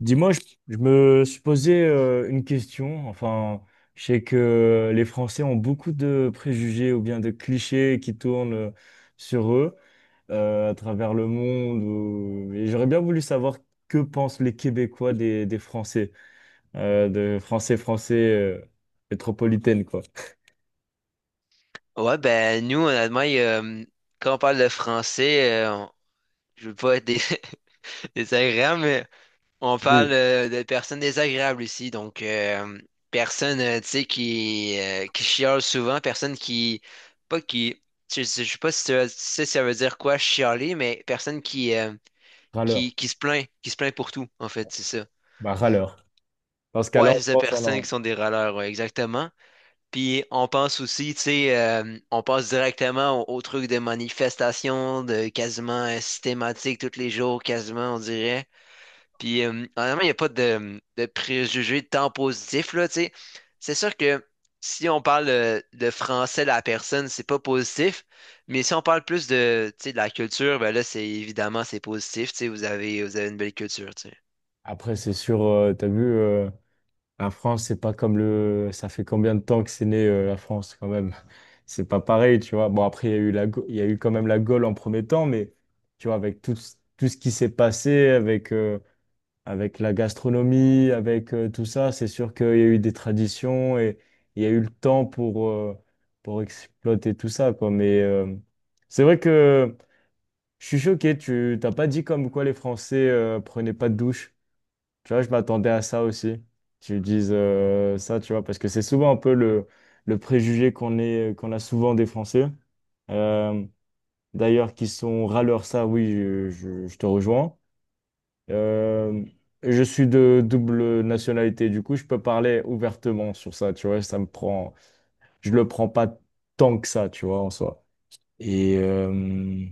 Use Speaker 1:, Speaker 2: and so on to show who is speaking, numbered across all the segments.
Speaker 1: Dis-moi, je me suis posé une question. Je sais que les Français ont beaucoup de préjugés ou bien de clichés qui tournent sur eux à travers le monde. Et j'aurais bien voulu savoir que pensent les Québécois des Français, de Français français métropolitaine, quoi.
Speaker 2: Ouais, ben nous, honnêtement, il y a, quand on parle de français, je veux pas être désagréable, mais on
Speaker 1: Des
Speaker 2: parle de personnes désagréables ici. Donc, personne, tu sais, qui chiale souvent, personne qui, pas qui, je sais pas si tu sais si ça veut dire quoi, chialer, mais personne
Speaker 1: râleurs.
Speaker 2: qui se plaint pour tout, en fait, c'est ça.
Speaker 1: Bah, râleurs. Dans ce cas-là,
Speaker 2: Ouais,
Speaker 1: on
Speaker 2: c'est ça,
Speaker 1: pense
Speaker 2: personnes
Speaker 1: en...
Speaker 2: qui sont des râleurs, ouais, exactement. Puis on pense aussi, tu sais, on passe directement au truc de manifestation, de quasiment systématique tous les jours, quasiment, on dirait. Puis honnêtement, il n'y a pas de préjugés de temps positif, là, tu sais. C'est sûr que si on parle de français de la personne, c'est pas positif. Mais si on parle plus de, tu sais, de la culture, ben là, c'est évidemment, c'est positif, tu sais, vous avez une belle culture, tu sais.
Speaker 1: Après, c'est sûr, t'as vu. La France, c'est pas comme le. Ça fait combien de temps que c'est né la France quand même? C'est pas pareil, tu vois. Bon, après, il y a eu la... Il y a eu quand même la Gaule en premier temps, mais tu vois, avec tout, tout ce qui s'est passé, avec, avec la gastronomie, avec tout ça, c'est sûr qu'il y a eu des traditions et il y a eu le temps pour exploiter tout ça, quoi. Mais c'est vrai que je suis choqué, tu t'as pas dit comme quoi les Français prenaient pas de douche. Tu vois, je m'attendais à ça aussi. Tu dises ça, tu vois, parce que c'est souvent un peu le préjugé qu'on est, qu'on a souvent des Français. Euh, D'ailleurs, qui sont râleurs, ça, oui, je te rejoins. Euh, je suis de double nationalité, du coup, je peux parler ouvertement sur ça, tu vois, ça me prend, je le prends pas tant que ça, tu vois, en soi. Et,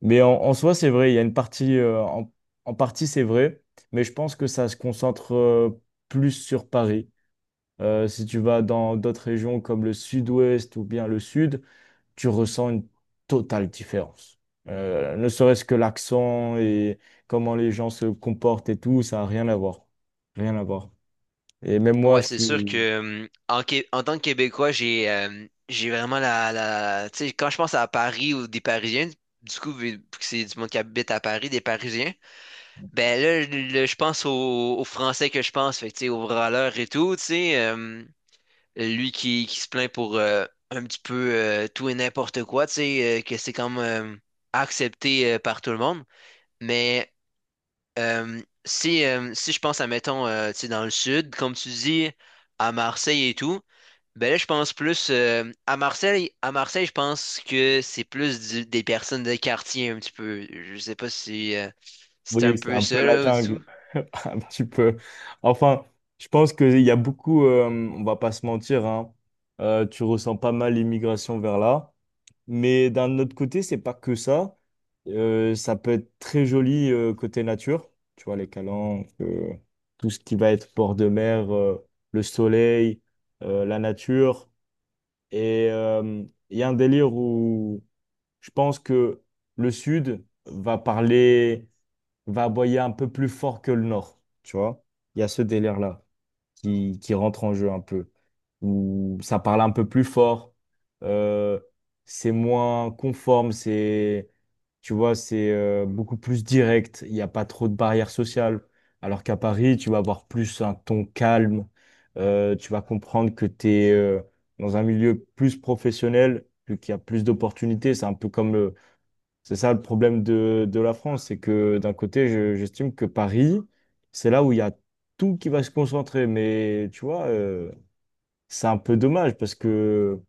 Speaker 1: mais en soi, c'est vrai, il y a une partie, en partie, c'est vrai, mais je pense que ça se concentre plus sur Paris. Si tu vas dans d'autres régions comme le sud-ouest ou bien le sud, tu ressens une totale différence. Ne serait-ce que l'accent et comment les gens se comportent et tout, ça n'a rien à voir. Rien à voir. Et même moi,
Speaker 2: Ouais,
Speaker 1: je
Speaker 2: c'est sûr
Speaker 1: suis...
Speaker 2: que en, en tant que Québécois, j'ai vraiment la... Tu sais, quand je pense à Paris ou des Parisiens, du coup, vu que c'est du monde qui habite à Paris, des Parisiens, ben là, je pense aux Français que je pense, fait que, tu sais, aux râleurs et tout, tu sais, lui qui se plaint pour un petit peu tout et n'importe quoi, tu sais, que c'est comme accepté par tout le monde. Mais euh, si, si je pense à, mettons, tu sais, dans le sud, comme tu dis, à Marseille et tout, ben là, je pense plus à Marseille. À Marseille, je pense que c'est plus des personnes de quartier un petit peu. Je sais pas si c'est un
Speaker 1: Oui, c'est
Speaker 2: peu
Speaker 1: un peu
Speaker 2: ça
Speaker 1: la
Speaker 2: là
Speaker 1: jungle.
Speaker 2: au-dessous.
Speaker 1: Un petit peu. Enfin, je pense qu'il y a beaucoup, on va pas se mentir, hein, tu ressens pas mal l'immigration vers là. Mais d'un autre côté, c'est pas que ça. Ça peut être très joli côté nature. Tu vois, les calanques, tout ce qui va être bord de mer, le soleil, la nature. Et il y a un délire où je pense que le sud va parler va aboyer un peu plus fort que le Nord, tu vois. Il y a ce délire-là qui rentre en jeu un peu, où ça parle un peu plus fort, euh, c'est moins conforme, c'est, tu vois, c'est beaucoup plus direct, il n'y a pas trop de barrières sociales, alors qu'à Paris, tu vas avoir plus un ton calme, tu vas comprendre que tu es dans un milieu plus professionnel, vu qu'il y a plus d'opportunités, c'est un peu comme le c'est ça le problème de la France, c'est que d'un côté, j'estime que Paris, c'est là où il y a tout qui va se concentrer. Mais tu vois, c'est un peu dommage parce que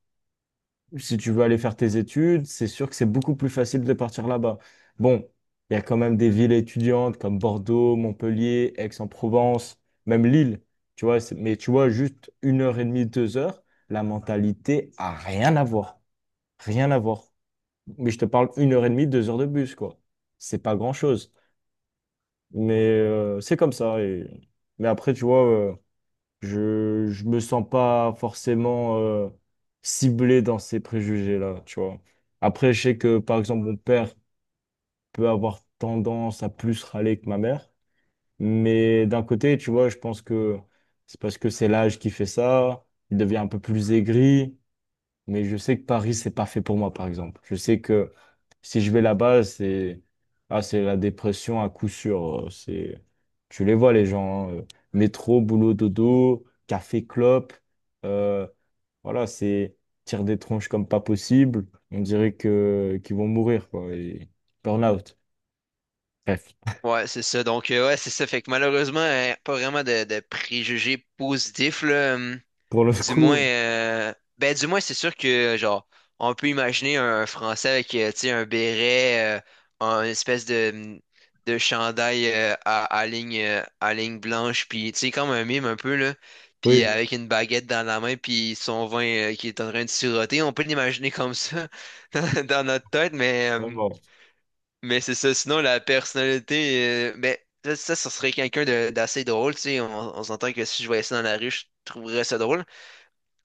Speaker 1: si tu veux aller faire tes études, c'est sûr que c'est beaucoup plus facile de partir là-bas. Bon, il y a quand même des villes étudiantes comme Bordeaux, Montpellier, Aix-en-Provence, même Lille. Tu vois, mais tu vois, juste une heure et demie, deux heures, la mentalité a rien à voir. Rien à voir. Mais je te parle une heure et demie, deux heures de bus, quoi. C'est pas grand-chose. Mais c'est comme ça. Et... Mais après, tu vois, je me sens pas forcément ciblé dans ces préjugés-là, tu vois. Après, je sais que, par exemple, mon père peut avoir tendance à plus râler que ma mère. Mais d'un côté, tu vois, je pense que c'est parce que c'est l'âge qui fait ça. Il devient un peu plus aigri. Mais je sais que Paris, c'est pas fait pour moi, par exemple. Je sais que si je vais là-bas, c'est ah, c'est la dépression à coup sûr. C'est tu les vois les gens, hein, métro, boulot, dodo, café, clope. euh, voilà, c'est tire des tronches comme pas possible. On dirait que qu'ils vont mourir quoi. Et burn-out. Bref.
Speaker 2: Ouais, c'est ça. Donc ouais, c'est ça. Fait que malheureusement, pas vraiment de préjugés positifs là.
Speaker 1: Pour le
Speaker 2: Du moins,
Speaker 1: coup,
Speaker 2: ben du moins, c'est sûr que genre, on peut imaginer un Français avec, tu sais, un béret, une espèce de, de chandail à, à ligne blanche, puis tu sais, comme un mime un peu là, puis
Speaker 1: oui,
Speaker 2: avec une baguette dans la main, puis son vin qui est en train de siroter. On peut l'imaginer comme ça dans, dans notre tête,
Speaker 1: vraiment.
Speaker 2: mais c'est ça. Sinon, la personnalité, mais ça serait quelqu'un d'assez drôle, tu sais. On s'entend que si je voyais ça dans la rue, je trouverais ça drôle.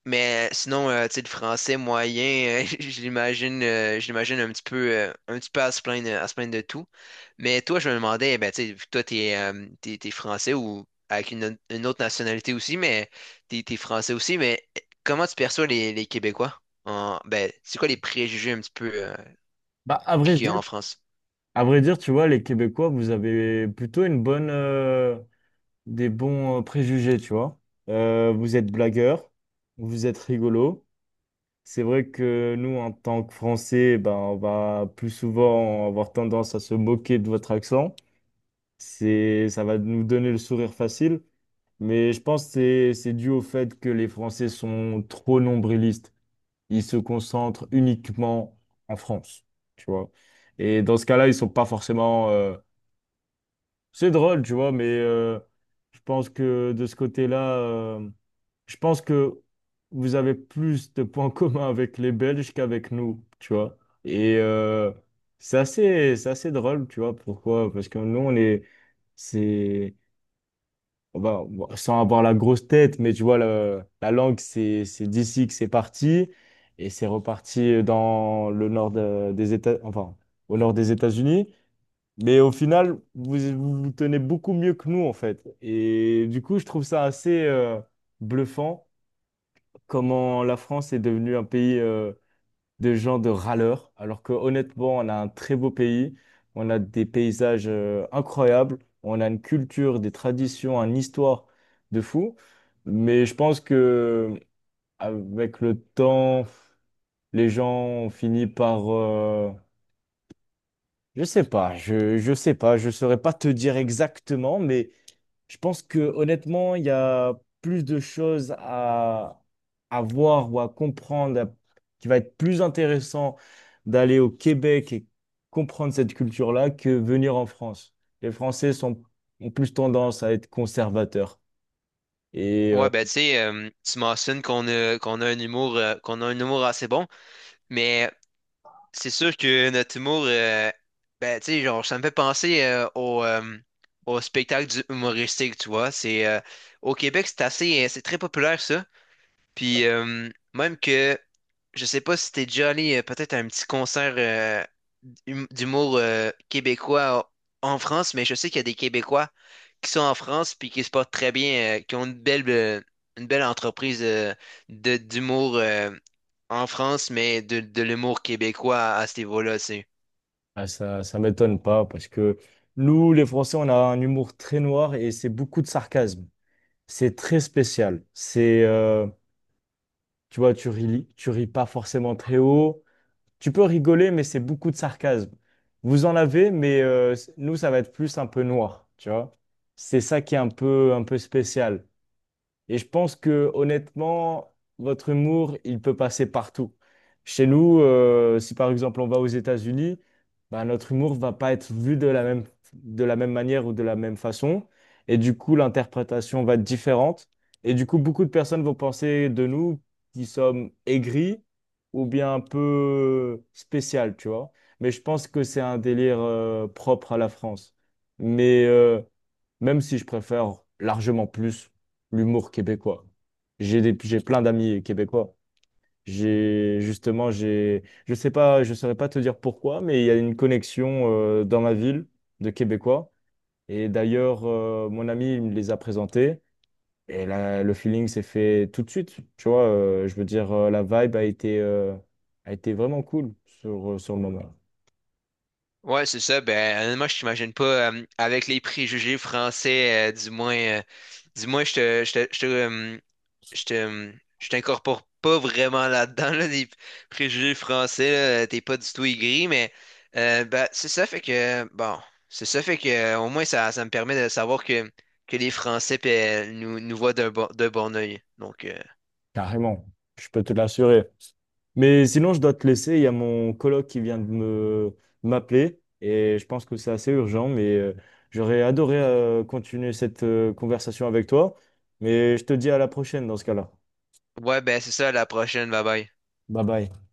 Speaker 2: Mais sinon, tu sais, le français moyen, je l'imagine un petit peu à se plaindre de tout. Mais toi, je me demandais, ben, tu sais, vu que toi, t'es français ou avec une autre nationalité aussi, mais t'es français aussi, mais eh, comment tu perçois les Québécois? En, ben, c'est quoi les préjugés un petit peu,
Speaker 1: Bah à vrai
Speaker 2: qu'il y a
Speaker 1: dire,
Speaker 2: en France?
Speaker 1: à vrai dire, tu vois, les Québécois, vous avez plutôt une bonne des bons préjugés, tu vois. Vous êtes blagueur, vous êtes rigolo. C'est vrai que nous, en tant que Français, ben, on va plus souvent avoir tendance à se moquer de votre accent. C'est, ça va nous donner le sourire facile, mais je pense que c'est dû au fait que les Français sont trop nombrilistes. Ils se concentrent uniquement en France, tu vois. Et dans ce cas-là, ils sont pas forcément c'est drôle, tu vois, mais je pense que de ce côté-là, je pense que vous avez plus de points communs avec les Belges qu'avec nous, tu vois. Et c'est assez drôle, tu vois, pourquoi? Parce que nous, on est, c'est, on va- bon, sans avoir la grosse tête, mais tu vois, la langue, c'est d'ici que c'est parti, et c'est reparti dans le des États, enfin, au nord des États-Unis. Mais au final, vous, vous vous tenez beaucoup mieux que nous, en fait. Et du coup, je trouve ça assez bluffant comment la France est devenue un pays de gens de râleurs, alors que honnêtement, on a un très beau pays, on a des paysages incroyables, on a une culture, des traditions, une histoire de fou. Mais je pense que avec le temps, les gens ont fini par... je sais pas, je saurais pas te dire exactement, mais je pense que honnêtement, il y a plus de choses à voir ou à comprendre, à- qui va être plus intéressant d'aller au Québec et comprendre cette culture-là que venir en France. Les Français sont, ont plus tendance à être conservateurs. Et
Speaker 2: Ouais, ben, tu sais, tu mentionnes qu'on a un humour, qu'on a un humour assez bon, mais c'est sûr que notre humour, ben, tu sais, genre, ça me fait penser au spectacle du humoristique, tu vois. C'est, au Québec, c'est assez, c'est très populaire, ça. Puis, même que, je sais pas si t'es déjà allé peut-être à un petit concert d'humour québécois en France, mais je sais qu'il y a des Québécois qui sont en France puis qui se portent très bien, qui ont une belle entreprise d'humour en France, mais de l'humour québécois à ce niveau-là, c'est.
Speaker 1: ah, ça m'étonne pas parce que nous, les Français, on a un humour très noir et c'est beaucoup de sarcasme. C'est très spécial. C'est, tu vois, tu ris pas forcément très haut. Tu peux rigoler, mais c'est beaucoup de sarcasme. Vous en avez, mais nous, ça va être plus un peu noir, tu vois. C'est ça qui est un peu spécial. Et je pense que honnêtement, votre humour, il peut passer partout. Chez nous, si par exemple on va aux États-Unis, bah, notre humour va pas être vu de la même manière ou de la même façon. Et du coup, l'interprétation va être différente. Et du coup, beaucoup de personnes vont penser de nous qui sommes aigris ou bien un peu spécial, tu vois. Mais je pense que c'est un délire propre à la France. Mais même si je préfère largement plus l'humour québécois. J'ai plein d'amis québécois. Je sais pas, je saurais pas te dire pourquoi, mais il y a une connexion dans ma ville de Québécois. Et d'ailleurs, mon ami il me les a présentés. Et là, le feeling s'est fait tout de suite. Tu vois, je veux dire, la vibe a été vraiment cool sur, sur le moment.
Speaker 2: Ouais, c'est ça. Ben, honnêtement, je t'imagine pas avec les préjugés français, du moins, je te, je te, je te, je te, je t'incorpore pas vraiment là-dedans, là, des préjugés français, là, t'es pas du tout aigri, mais ben, c'est ça fait que, au moins, ça me permet de savoir que les Français nous voient d'un bon œil. Donc,
Speaker 1: Carrément, je peux te l'assurer. Mais sinon, je dois te laisser. Il y a mon coloc qui vient de me m'appeler et je pense que c'est assez urgent. Mais j'aurais adoré continuer cette conversation avec toi. Mais je te dis à la prochaine dans ce cas-là.
Speaker 2: ouais, ben, c'est ça, à la prochaine, bye bye.
Speaker 1: Bye bye.